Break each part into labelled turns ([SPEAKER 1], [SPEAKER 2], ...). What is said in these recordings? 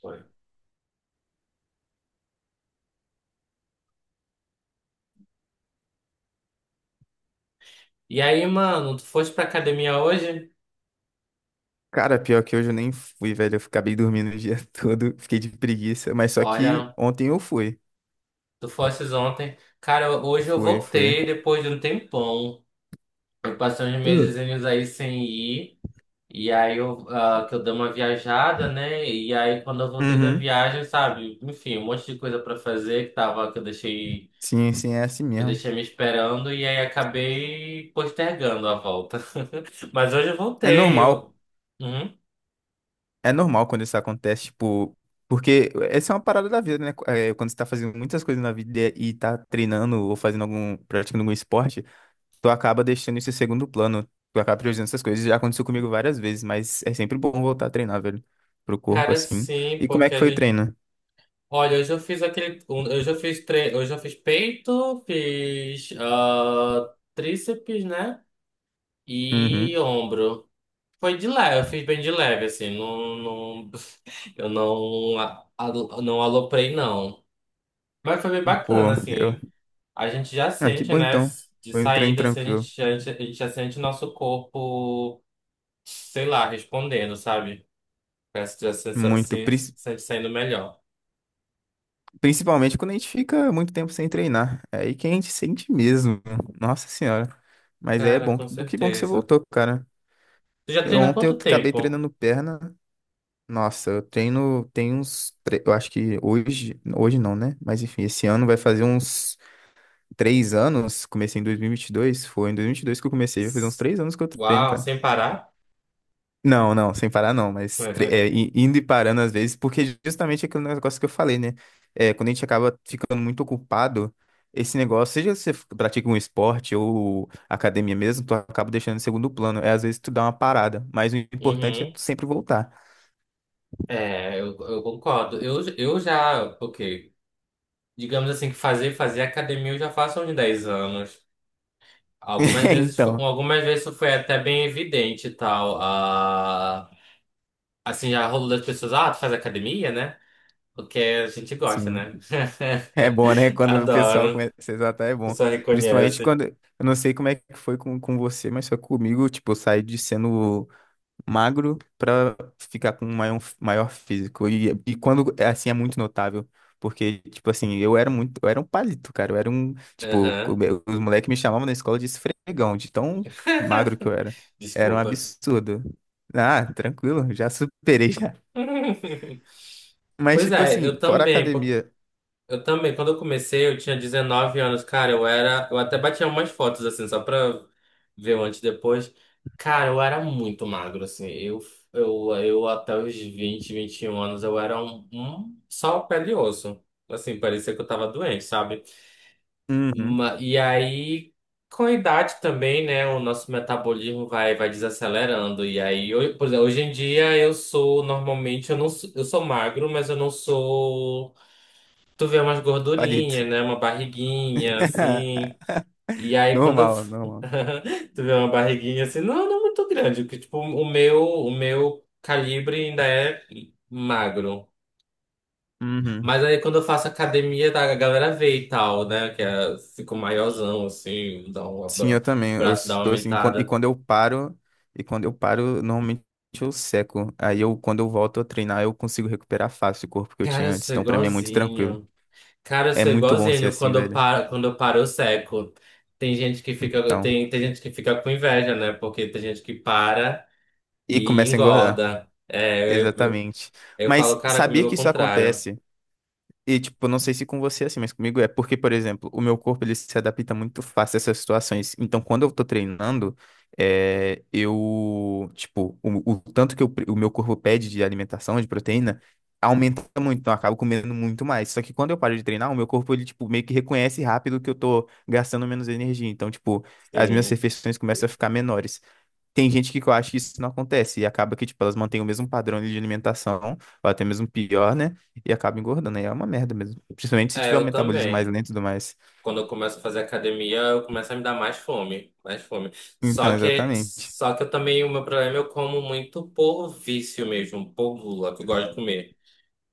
[SPEAKER 1] Foi. E aí, mano, tu foste pra academia hoje?
[SPEAKER 2] Cara, pior que hoje eu nem fui, velho. Eu acabei dormindo o dia todo, fiquei de preguiça. Mas só que
[SPEAKER 1] Olha,
[SPEAKER 2] ontem eu fui.
[SPEAKER 1] tu fostes ontem. Cara, hoje eu
[SPEAKER 2] Fui, fui.
[SPEAKER 1] voltei depois de um tempão. Eu passei uns
[SPEAKER 2] Hum.
[SPEAKER 1] mesezinhos aí sem ir. E aí eu, ah, que eu dei uma viajada, né? E aí quando eu voltei da
[SPEAKER 2] Uhum.
[SPEAKER 1] viagem, sabe? Enfim, um monte de coisa pra fazer que
[SPEAKER 2] Sim, sim, é assim
[SPEAKER 1] eu
[SPEAKER 2] mesmo.
[SPEAKER 1] deixei me esperando e aí acabei postergando a volta. Mas hoje eu
[SPEAKER 2] É
[SPEAKER 1] voltei.
[SPEAKER 2] normal,
[SPEAKER 1] Uhum.
[SPEAKER 2] é normal quando isso acontece, tipo, porque essa é uma parada da vida, né? É, quando você tá fazendo muitas coisas na vida e tá treinando ou praticando algum esporte, tu acaba deixando isso em segundo plano. Tu acaba priorizando essas coisas. Já aconteceu comigo várias vezes, mas é sempre bom voltar a treinar, velho, pro corpo
[SPEAKER 1] Cara,
[SPEAKER 2] assim.
[SPEAKER 1] sim,
[SPEAKER 2] E como é
[SPEAKER 1] porque
[SPEAKER 2] que
[SPEAKER 1] a
[SPEAKER 2] foi o
[SPEAKER 1] gente.
[SPEAKER 2] treino?
[SPEAKER 1] Olha, eu já fiz aquele. Eu já fiz eu já fiz peito, fiz tríceps, né? E
[SPEAKER 2] Uhum.
[SPEAKER 1] ombro. Foi de leve, eu fiz bem de leve, assim. Não, não. Eu não, não aloprei, não. Mas foi bem
[SPEAKER 2] Pô,
[SPEAKER 1] bacana,
[SPEAKER 2] eu
[SPEAKER 1] assim. A gente já
[SPEAKER 2] Ah, que
[SPEAKER 1] sente,
[SPEAKER 2] bom
[SPEAKER 1] né?
[SPEAKER 2] então.
[SPEAKER 1] De
[SPEAKER 2] Foi um treino
[SPEAKER 1] saída, assim, a
[SPEAKER 2] tranquilo.
[SPEAKER 1] gente, a gente, a gente já sente nosso corpo, sei lá, respondendo, sabe? Parece que já se,
[SPEAKER 2] Muito.
[SPEAKER 1] se, se
[SPEAKER 2] pris-
[SPEAKER 1] sente saindo melhor.
[SPEAKER 2] Principalmente quando a gente fica muito tempo sem treinar. É aí que a gente sente mesmo. Nossa senhora. Mas é
[SPEAKER 1] Cara,
[SPEAKER 2] bom.
[SPEAKER 1] com
[SPEAKER 2] Que bom que você
[SPEAKER 1] certeza.
[SPEAKER 2] voltou, cara.
[SPEAKER 1] Tu já
[SPEAKER 2] Eu,
[SPEAKER 1] treina há
[SPEAKER 2] ontem eu
[SPEAKER 1] quanto
[SPEAKER 2] acabei
[SPEAKER 1] tempo?
[SPEAKER 2] treinando perna. Nossa, eu treino. Eu acho que hoje. Hoje não, né? Mas enfim, esse ano vai fazer uns 3 anos. Comecei em dois mil e vinte e dois. Foi em dois mil e vinte e dois que eu comecei. Vai fazer uns três anos que eu treino,
[SPEAKER 1] Uau,
[SPEAKER 2] cara.
[SPEAKER 1] sem parar?
[SPEAKER 2] Não, não, sem parar não, mas indo e parando às vezes, porque justamente aquele negócio que eu falei, né? É, quando a gente acaba ficando muito ocupado, esse negócio, seja pratica um esporte ou academia mesmo, tu acaba deixando em segundo plano. É, às vezes tu dá uma parada, mas o importante é
[SPEAKER 1] Uhum.
[SPEAKER 2] tu sempre voltar.
[SPEAKER 1] É, eu concordo. Eu já, ok. Digamos assim que fazer academia eu já faço há uns 10 anos. Algumas vezes, fo-
[SPEAKER 2] Então,
[SPEAKER 1] algumas vezes isso foi até bem evidente e tal. Ah, assim, já rolou das pessoas, tu faz academia, né? Porque a gente gosta,
[SPEAKER 2] sim,
[SPEAKER 1] né?
[SPEAKER 2] é bom, né? Quando o pessoal
[SPEAKER 1] Adoro.
[SPEAKER 2] começa a se exaltar, é
[SPEAKER 1] A
[SPEAKER 2] bom.
[SPEAKER 1] pessoa
[SPEAKER 2] Principalmente
[SPEAKER 1] reconhece.
[SPEAKER 2] quando, eu não sei como é que foi com você, mas foi comigo, tipo, eu saí de sendo magro para ficar com um maior, maior físico. E quando é assim é muito notável. Porque, tipo assim, eu era muito, eu era um palito, cara. Eu era um, tipo, o
[SPEAKER 1] Aham.
[SPEAKER 2] os moleques me chamavam na escola de esfregão, de tão magro que eu era. Era um
[SPEAKER 1] Desculpa.
[SPEAKER 2] absurdo. Ah, tranquilo, já superei já. Mas,
[SPEAKER 1] Pois
[SPEAKER 2] tipo
[SPEAKER 1] é, eu
[SPEAKER 2] assim, fora a
[SPEAKER 1] também.
[SPEAKER 2] academia,
[SPEAKER 1] Eu também, quando eu comecei, eu tinha 19 anos, cara, eu era, eu até batia umas fotos assim, só pra ver o antes e depois. Cara, eu era muito magro, assim, eu até os vinte vinte e um anos, eu era um só pele e osso, assim, parecia que eu tava doente, sabe?
[SPEAKER 2] uhum,
[SPEAKER 1] E aí, com a idade também, né, o nosso metabolismo vai desacelerando, e aí, eu, por exemplo, hoje em dia eu sou, normalmente, eu não, eu sou magro, mas eu não sou. Tu vê umas
[SPEAKER 2] palito.
[SPEAKER 1] gordurinhas, né? Uma barriguinha, assim. E aí quando eu
[SPEAKER 2] Normal,
[SPEAKER 1] f-
[SPEAKER 2] normal.
[SPEAKER 1] Tu vê uma barriguinha assim, não, não muito grande, porque tipo, o meu calibre ainda é magro.
[SPEAKER 2] Uhum.
[SPEAKER 1] Mas aí quando eu faço academia, tá, a galera vê e tal, né? Que é, fico maiorzão, assim, dá um
[SPEAKER 2] Sim,
[SPEAKER 1] abra-
[SPEAKER 2] eu também.
[SPEAKER 1] o
[SPEAKER 2] Eu
[SPEAKER 1] braço dá uma
[SPEAKER 2] sou assim, e
[SPEAKER 1] aumentada.
[SPEAKER 2] quando eu paro, normalmente eu seco. Aí eu, quando eu volto a treinar, eu consigo recuperar fácil o corpo que eu
[SPEAKER 1] Cara,
[SPEAKER 2] tinha
[SPEAKER 1] eu
[SPEAKER 2] antes.
[SPEAKER 1] sou
[SPEAKER 2] Então, pra mim é muito tranquilo.
[SPEAKER 1] igualzinho. Cara, eu
[SPEAKER 2] É
[SPEAKER 1] sou
[SPEAKER 2] muito bom ser
[SPEAKER 1] igualzinho
[SPEAKER 2] assim,
[SPEAKER 1] quando eu
[SPEAKER 2] velho.
[SPEAKER 1] paro, quando eu paro, eu seco. Tem gente que fica,
[SPEAKER 2] Então,
[SPEAKER 1] tem, tem gente que fica com inveja, né? Porque tem gente que para,
[SPEAKER 2] e
[SPEAKER 1] e
[SPEAKER 2] começa a engordar.
[SPEAKER 1] engorda. É, eu,
[SPEAKER 2] Exatamente.
[SPEAKER 1] eu falo,
[SPEAKER 2] Mas
[SPEAKER 1] cara,
[SPEAKER 2] sabia
[SPEAKER 1] comigo é o
[SPEAKER 2] que isso
[SPEAKER 1] contrário.
[SPEAKER 2] acontece? E, tipo, não sei se com você é assim, mas comigo é porque, por exemplo, o meu corpo ele se adapta muito fácil a essas situações. Então, quando eu tô treinando, é, eu, tipo, o tanto que o meu corpo pede de alimentação, de proteína, aumenta muito. Então, eu acabo comendo muito mais. Só que quando eu paro de treinar, o meu corpo, ele, tipo, meio que reconhece rápido que eu tô gastando menos energia. Então, tipo, as minhas
[SPEAKER 1] Sim.
[SPEAKER 2] refeições começam a ficar menores. Tem gente que eu acho que isso não acontece e acaba que, tipo, elas mantêm o mesmo padrão ali de alimentação, ou até mesmo pior, né? E acaba engordando. Aí é uma merda mesmo. Principalmente se
[SPEAKER 1] É,
[SPEAKER 2] tiver um
[SPEAKER 1] eu
[SPEAKER 2] metabolismo mais
[SPEAKER 1] também.
[SPEAKER 2] lento e tudo mais.
[SPEAKER 1] Quando eu começo a fazer academia, eu começo a me dar mais fome, mais fome.
[SPEAKER 2] Então,
[SPEAKER 1] Só que,
[SPEAKER 2] exatamente.
[SPEAKER 1] só que eu também, o meu problema, eu como muito por vício mesmo, por gula, que eu gosto de comer.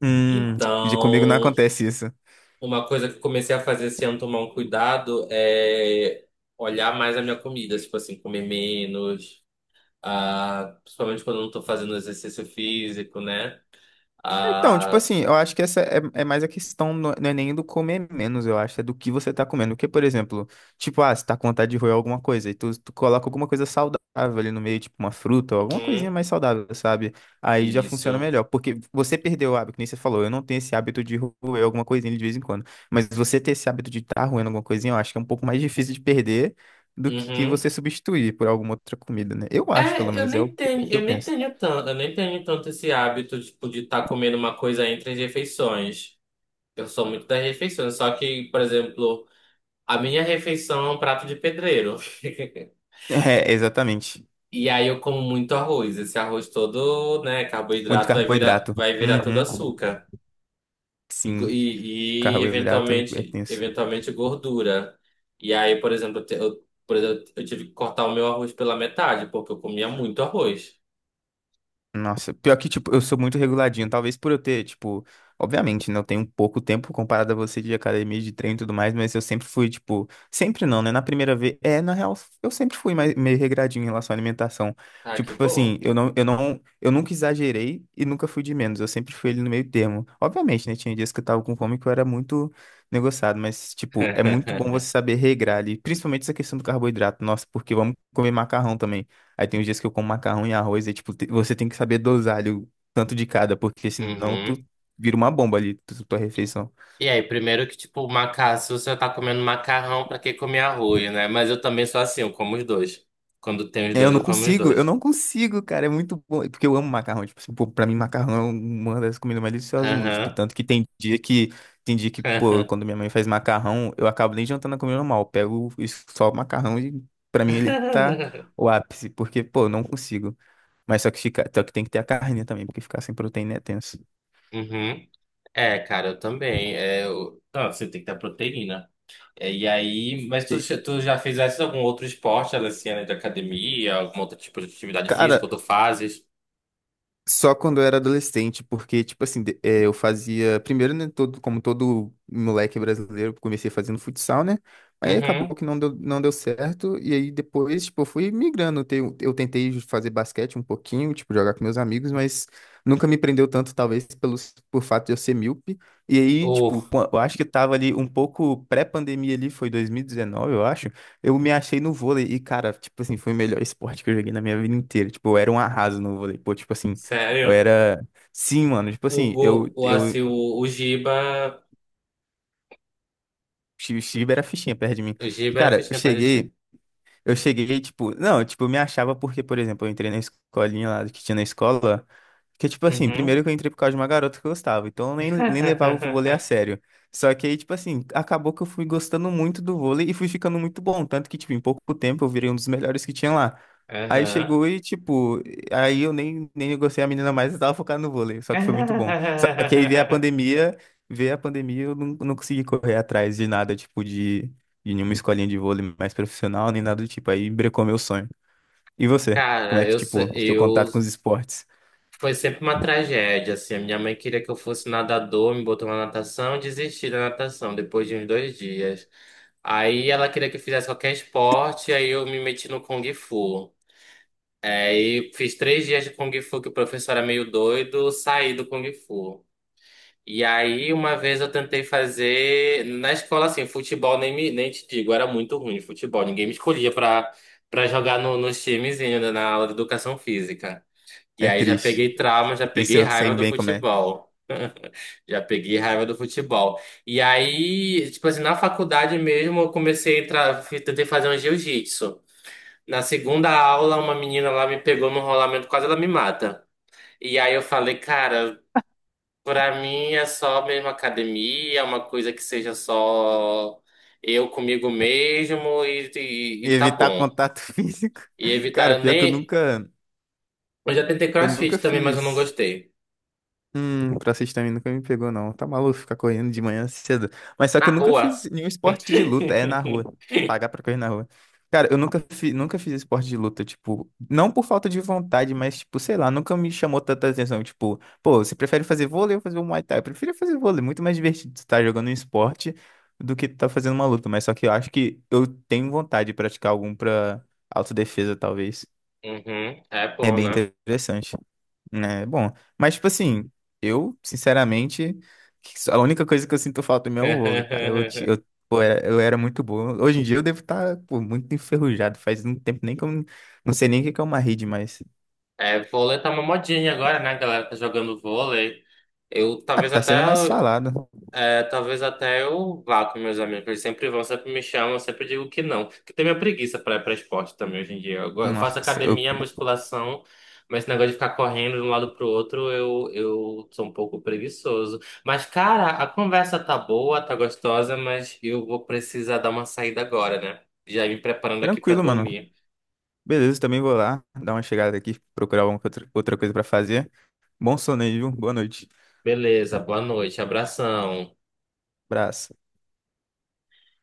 [SPEAKER 2] Já comigo não
[SPEAKER 1] Então,
[SPEAKER 2] acontece isso.
[SPEAKER 1] uma coisa que eu comecei a fazer esse ano, tomar um cuidado, é olhar mais a minha comida, tipo assim, comer menos, principalmente quando eu não tô fazendo exercício físico, né?
[SPEAKER 2] Então, tipo
[SPEAKER 1] Ah,
[SPEAKER 2] assim, eu acho que essa é mais a questão, não é nem do comer menos, eu acho, é do que você tá comendo. Porque, por exemplo, tipo, ah, você tá com vontade de roer alguma coisa, e tu coloca alguma coisa saudável ali no meio, tipo uma fruta, ou alguma coisinha
[SPEAKER 1] uhum,
[SPEAKER 2] mais saudável, sabe? Aí já funciona
[SPEAKER 1] isso.
[SPEAKER 2] melhor. Porque você perdeu o hábito, que nem você falou, eu não tenho esse hábito de roer alguma coisinha de vez em quando. Mas você ter esse hábito de estar tá roendo alguma coisinha, eu acho que é um pouco mais difícil de perder do que
[SPEAKER 1] Uhum.
[SPEAKER 2] você substituir por alguma outra comida, né? Eu acho, pelo
[SPEAKER 1] É,
[SPEAKER 2] menos, é o que eu penso.
[SPEAKER 1] eu nem tenho tanto esse hábito, tipo, de estar comendo uma coisa entre as refeições. Eu sou muito das refeições, só que, por exemplo, a minha refeição é um prato de pedreiro.
[SPEAKER 2] É, exatamente.
[SPEAKER 1] E aí eu como muito arroz. Esse arroz todo, né,
[SPEAKER 2] Muito
[SPEAKER 1] carboidrato vai virar,
[SPEAKER 2] carboidrato.
[SPEAKER 1] vai virar todo
[SPEAKER 2] Uhum.
[SPEAKER 1] açúcar. E, go-
[SPEAKER 2] Sim,
[SPEAKER 1] e, e,
[SPEAKER 2] carboidrato é
[SPEAKER 1] eventualmente,
[SPEAKER 2] tenso.
[SPEAKER 1] eventualmente gordura. E aí, por exemplo, eu tive que cortar o meu arroz pela metade, porque eu comia muito arroz.
[SPEAKER 2] Nossa, pior que, tipo, eu sou muito reguladinho. Talvez por eu ter, tipo, obviamente, né? Eu tenho pouco tempo comparado a você de academia, de treino e tudo mais, mas eu sempre fui, tipo, sempre não, né? Na primeira vez, é, na real, eu sempre fui mais, meio regradinho em relação à alimentação.
[SPEAKER 1] Ah, que
[SPEAKER 2] Tipo
[SPEAKER 1] bom.
[SPEAKER 2] assim, eu nunca exagerei e nunca fui de menos. Eu sempre fui ali no meio termo. Obviamente, né? Tinha dias que eu tava com fome que eu era muito negociado, mas, tipo, é muito bom você saber regrar ali, principalmente essa questão do carboidrato. Nossa, porque vamos comer macarrão também. Aí tem os dias que eu como macarrão e arroz, e tipo, você tem que saber dosar ali o tanto de cada, porque senão tu
[SPEAKER 1] Uhum.
[SPEAKER 2] vira uma bomba ali, tua refeição.
[SPEAKER 1] E aí, primeiro que, tipo, macarrão, se você tá comendo macarrão, pra que comer arroz, né? Mas eu também sou assim, eu como os dois. Quando tem os
[SPEAKER 2] É,
[SPEAKER 1] dois, eu como os
[SPEAKER 2] eu
[SPEAKER 1] dois.
[SPEAKER 2] não consigo, cara, é muito bom, porque eu amo macarrão, tipo, assim, pô, pra mim macarrão é uma das comidas mais deliciosas do mundo, tipo,
[SPEAKER 1] Aham.
[SPEAKER 2] tanto que tem dia que, pô, quando minha mãe faz macarrão, eu acabo nem jantando a comida normal, eu pego isso- só o macarrão e pra mim ele tá o ápice, porque, pô, eu não consigo. Mas só que, fica, só que tem que ter a carne também, porque ficar sem proteína é tenso.
[SPEAKER 1] Uhum. É, cara, eu também. É, Não, você tem que ter proteína. É, e aí, mas tu,
[SPEAKER 2] E,
[SPEAKER 1] tu já fizesse algum outro esporte, além assim, né, de academia, algum outro tipo de atividade física, ou
[SPEAKER 2] cara,
[SPEAKER 1] tu fazes?
[SPEAKER 2] só quando eu era adolescente, porque, tipo assim, eu fazia. Primeiro, né, todo, como todo moleque brasileiro, eu comecei fazendo futsal, né? Aí acabou
[SPEAKER 1] Uhum.
[SPEAKER 2] que não deu certo. E aí depois, tipo, eu fui migrando. Eu tentei fazer basquete um pouquinho, tipo, jogar com meus amigos, mas nunca me prendeu tanto, talvez, pelo, por fato de eu ser míope. E aí, tipo,
[SPEAKER 1] O,
[SPEAKER 2] eu acho que tava ali um pouco pré-pandemia ali, foi 2019, eu acho. Eu me achei no vôlei e, cara, tipo assim, foi o melhor esporte que eu joguei na minha vida inteira. Tipo, eu era um arraso no vôlei. Pô, tipo assim. Eu
[SPEAKER 1] sério?
[SPEAKER 2] era. Sim, mano. Tipo
[SPEAKER 1] O,
[SPEAKER 2] assim, eu,
[SPEAKER 1] go, o, assim,
[SPEAKER 2] eu.
[SPEAKER 1] o Giba,
[SPEAKER 2] Steve era fichinha perto de mim.
[SPEAKER 1] o Giba era
[SPEAKER 2] Cara, eu
[SPEAKER 1] fitness pra
[SPEAKER 2] cheguei.
[SPEAKER 1] gente.
[SPEAKER 2] Eu cheguei, tipo. Não, tipo, eu me achava porque, por exemplo, eu entrei na escolinha lá que tinha na escola. Que, tipo assim,
[SPEAKER 1] Uhum.
[SPEAKER 2] primeiro que eu entrei por causa de uma garota que eu gostava, então eu nem levava o vôlei a sério. Só que aí, tipo assim, acabou que eu fui gostando muito do vôlei e fui ficando muito bom. Tanto que, tipo, em pouco tempo eu virei um dos melhores que tinha lá. Aí
[SPEAKER 1] Aham.
[SPEAKER 2] chegou e, tipo, aí eu nem gostei a menina mais, eu tava focado no vôlei, só que foi muito bom. Só que aí veio a pandemia, eu não consegui correr atrás de nada, tipo, de, nenhuma escolinha de vôlei mais profissional, nem nada do tipo. Aí brecou meu sonho. E você? Como é
[SPEAKER 1] Cara,
[SPEAKER 2] que,
[SPEAKER 1] eu,
[SPEAKER 2] tipo,
[SPEAKER 1] se-
[SPEAKER 2] seu
[SPEAKER 1] eu,
[SPEAKER 2] contato com os esportes?
[SPEAKER 1] foi sempre uma tragédia, assim, a minha mãe queria que eu fosse nadador, me botou na natação, eu desisti da natação depois de uns 2 dias. Aí ela queria que eu fizesse qualquer esporte, aí eu me meti no Kung Fu. É, aí fiz 3 dias de Kung Fu, que o professor era meio doido, saí do Kung Fu. E aí uma vez eu tentei fazer, na escola assim, futebol nem, me, nem te digo, era muito ruim de futebol, ninguém me escolhia pra, para jogar no, nos times ainda na aula de educação física. E
[SPEAKER 2] É
[SPEAKER 1] aí já
[SPEAKER 2] triste.
[SPEAKER 1] peguei trauma, já
[SPEAKER 2] Isso
[SPEAKER 1] peguei
[SPEAKER 2] eu sei
[SPEAKER 1] raiva do
[SPEAKER 2] bem como é.
[SPEAKER 1] futebol. Já peguei raiva do futebol. E aí, tipo assim, na faculdade mesmo, eu comecei a entrar, tentei fazer um jiu-jitsu. Na segunda aula, uma menina lá me pegou no rolamento, quase ela me mata. E aí eu falei, cara, pra mim é só mesmo academia, é uma coisa que seja só eu comigo mesmo e tá
[SPEAKER 2] Evitar
[SPEAKER 1] bom.
[SPEAKER 2] contato físico.
[SPEAKER 1] E evitar,
[SPEAKER 2] Cara,
[SPEAKER 1] eu
[SPEAKER 2] pior que
[SPEAKER 1] nem. Eu já tentei
[SPEAKER 2] eu nunca
[SPEAKER 1] CrossFit também, mas eu não
[SPEAKER 2] fiz.
[SPEAKER 1] gostei.
[SPEAKER 2] Crossfit também nunca me pegou, não. Tá maluco ficar correndo de manhã cedo. Mas só que eu
[SPEAKER 1] Na
[SPEAKER 2] nunca
[SPEAKER 1] rua.
[SPEAKER 2] fiz nenhum esporte de luta. É na rua. Pagar pra correr na rua. Cara, eu nunca fiz esporte de luta, tipo, não por falta de vontade, mas, tipo, sei lá, nunca me chamou tanta atenção. Tipo, pô, você prefere fazer vôlei ou fazer um Muay Thai? Eu prefiro fazer vôlei, muito mais divertido estar jogando um esporte do que estar fazendo uma luta. Mas só que eu acho que eu tenho vontade de praticar algum pra autodefesa, talvez.
[SPEAKER 1] Uhum, é
[SPEAKER 2] É
[SPEAKER 1] bom,
[SPEAKER 2] bem
[SPEAKER 1] né?
[SPEAKER 2] interessante. É, bom. Mas, tipo assim, eu, sinceramente, a única coisa que eu sinto falta mesmo é o vôlei, cara. Eu, ti- eu, pô, era, eu era muito bom. Hoje em dia eu devo estar, pô, muito enferrujado. Faz um tempo nem que eu não sei nem o que que é uma rede, mas.
[SPEAKER 1] É, vôlei tá uma modinha agora, né? A galera tá jogando vôlei. Eu
[SPEAKER 2] Ah,
[SPEAKER 1] talvez
[SPEAKER 2] tá
[SPEAKER 1] até
[SPEAKER 2] sendo mais falado.
[SPEAKER 1] é, talvez até eu vá com meus amigos. Eles sempre vão, sempre me chamam, eu sempre digo que não. Porque tem minha preguiça pra ir pra esporte também hoje em dia. Eu faço
[SPEAKER 2] Nossa, eu.
[SPEAKER 1] academia, musculação, mas esse negócio de ficar correndo de um lado pro outro, eu sou um pouco preguiçoso. Mas, cara, a conversa tá boa, tá gostosa, mas eu vou precisar dar uma saída agora, né? Já ir me preparando aqui pra
[SPEAKER 2] Tranquilo, mano.
[SPEAKER 1] dormir.
[SPEAKER 2] Beleza, também vou lá dar uma chegada aqui, procurar alguma outra coisa pra fazer. Bom sono aí, viu? Boa noite.
[SPEAKER 1] Beleza, boa noite, abração.
[SPEAKER 2] Abraço.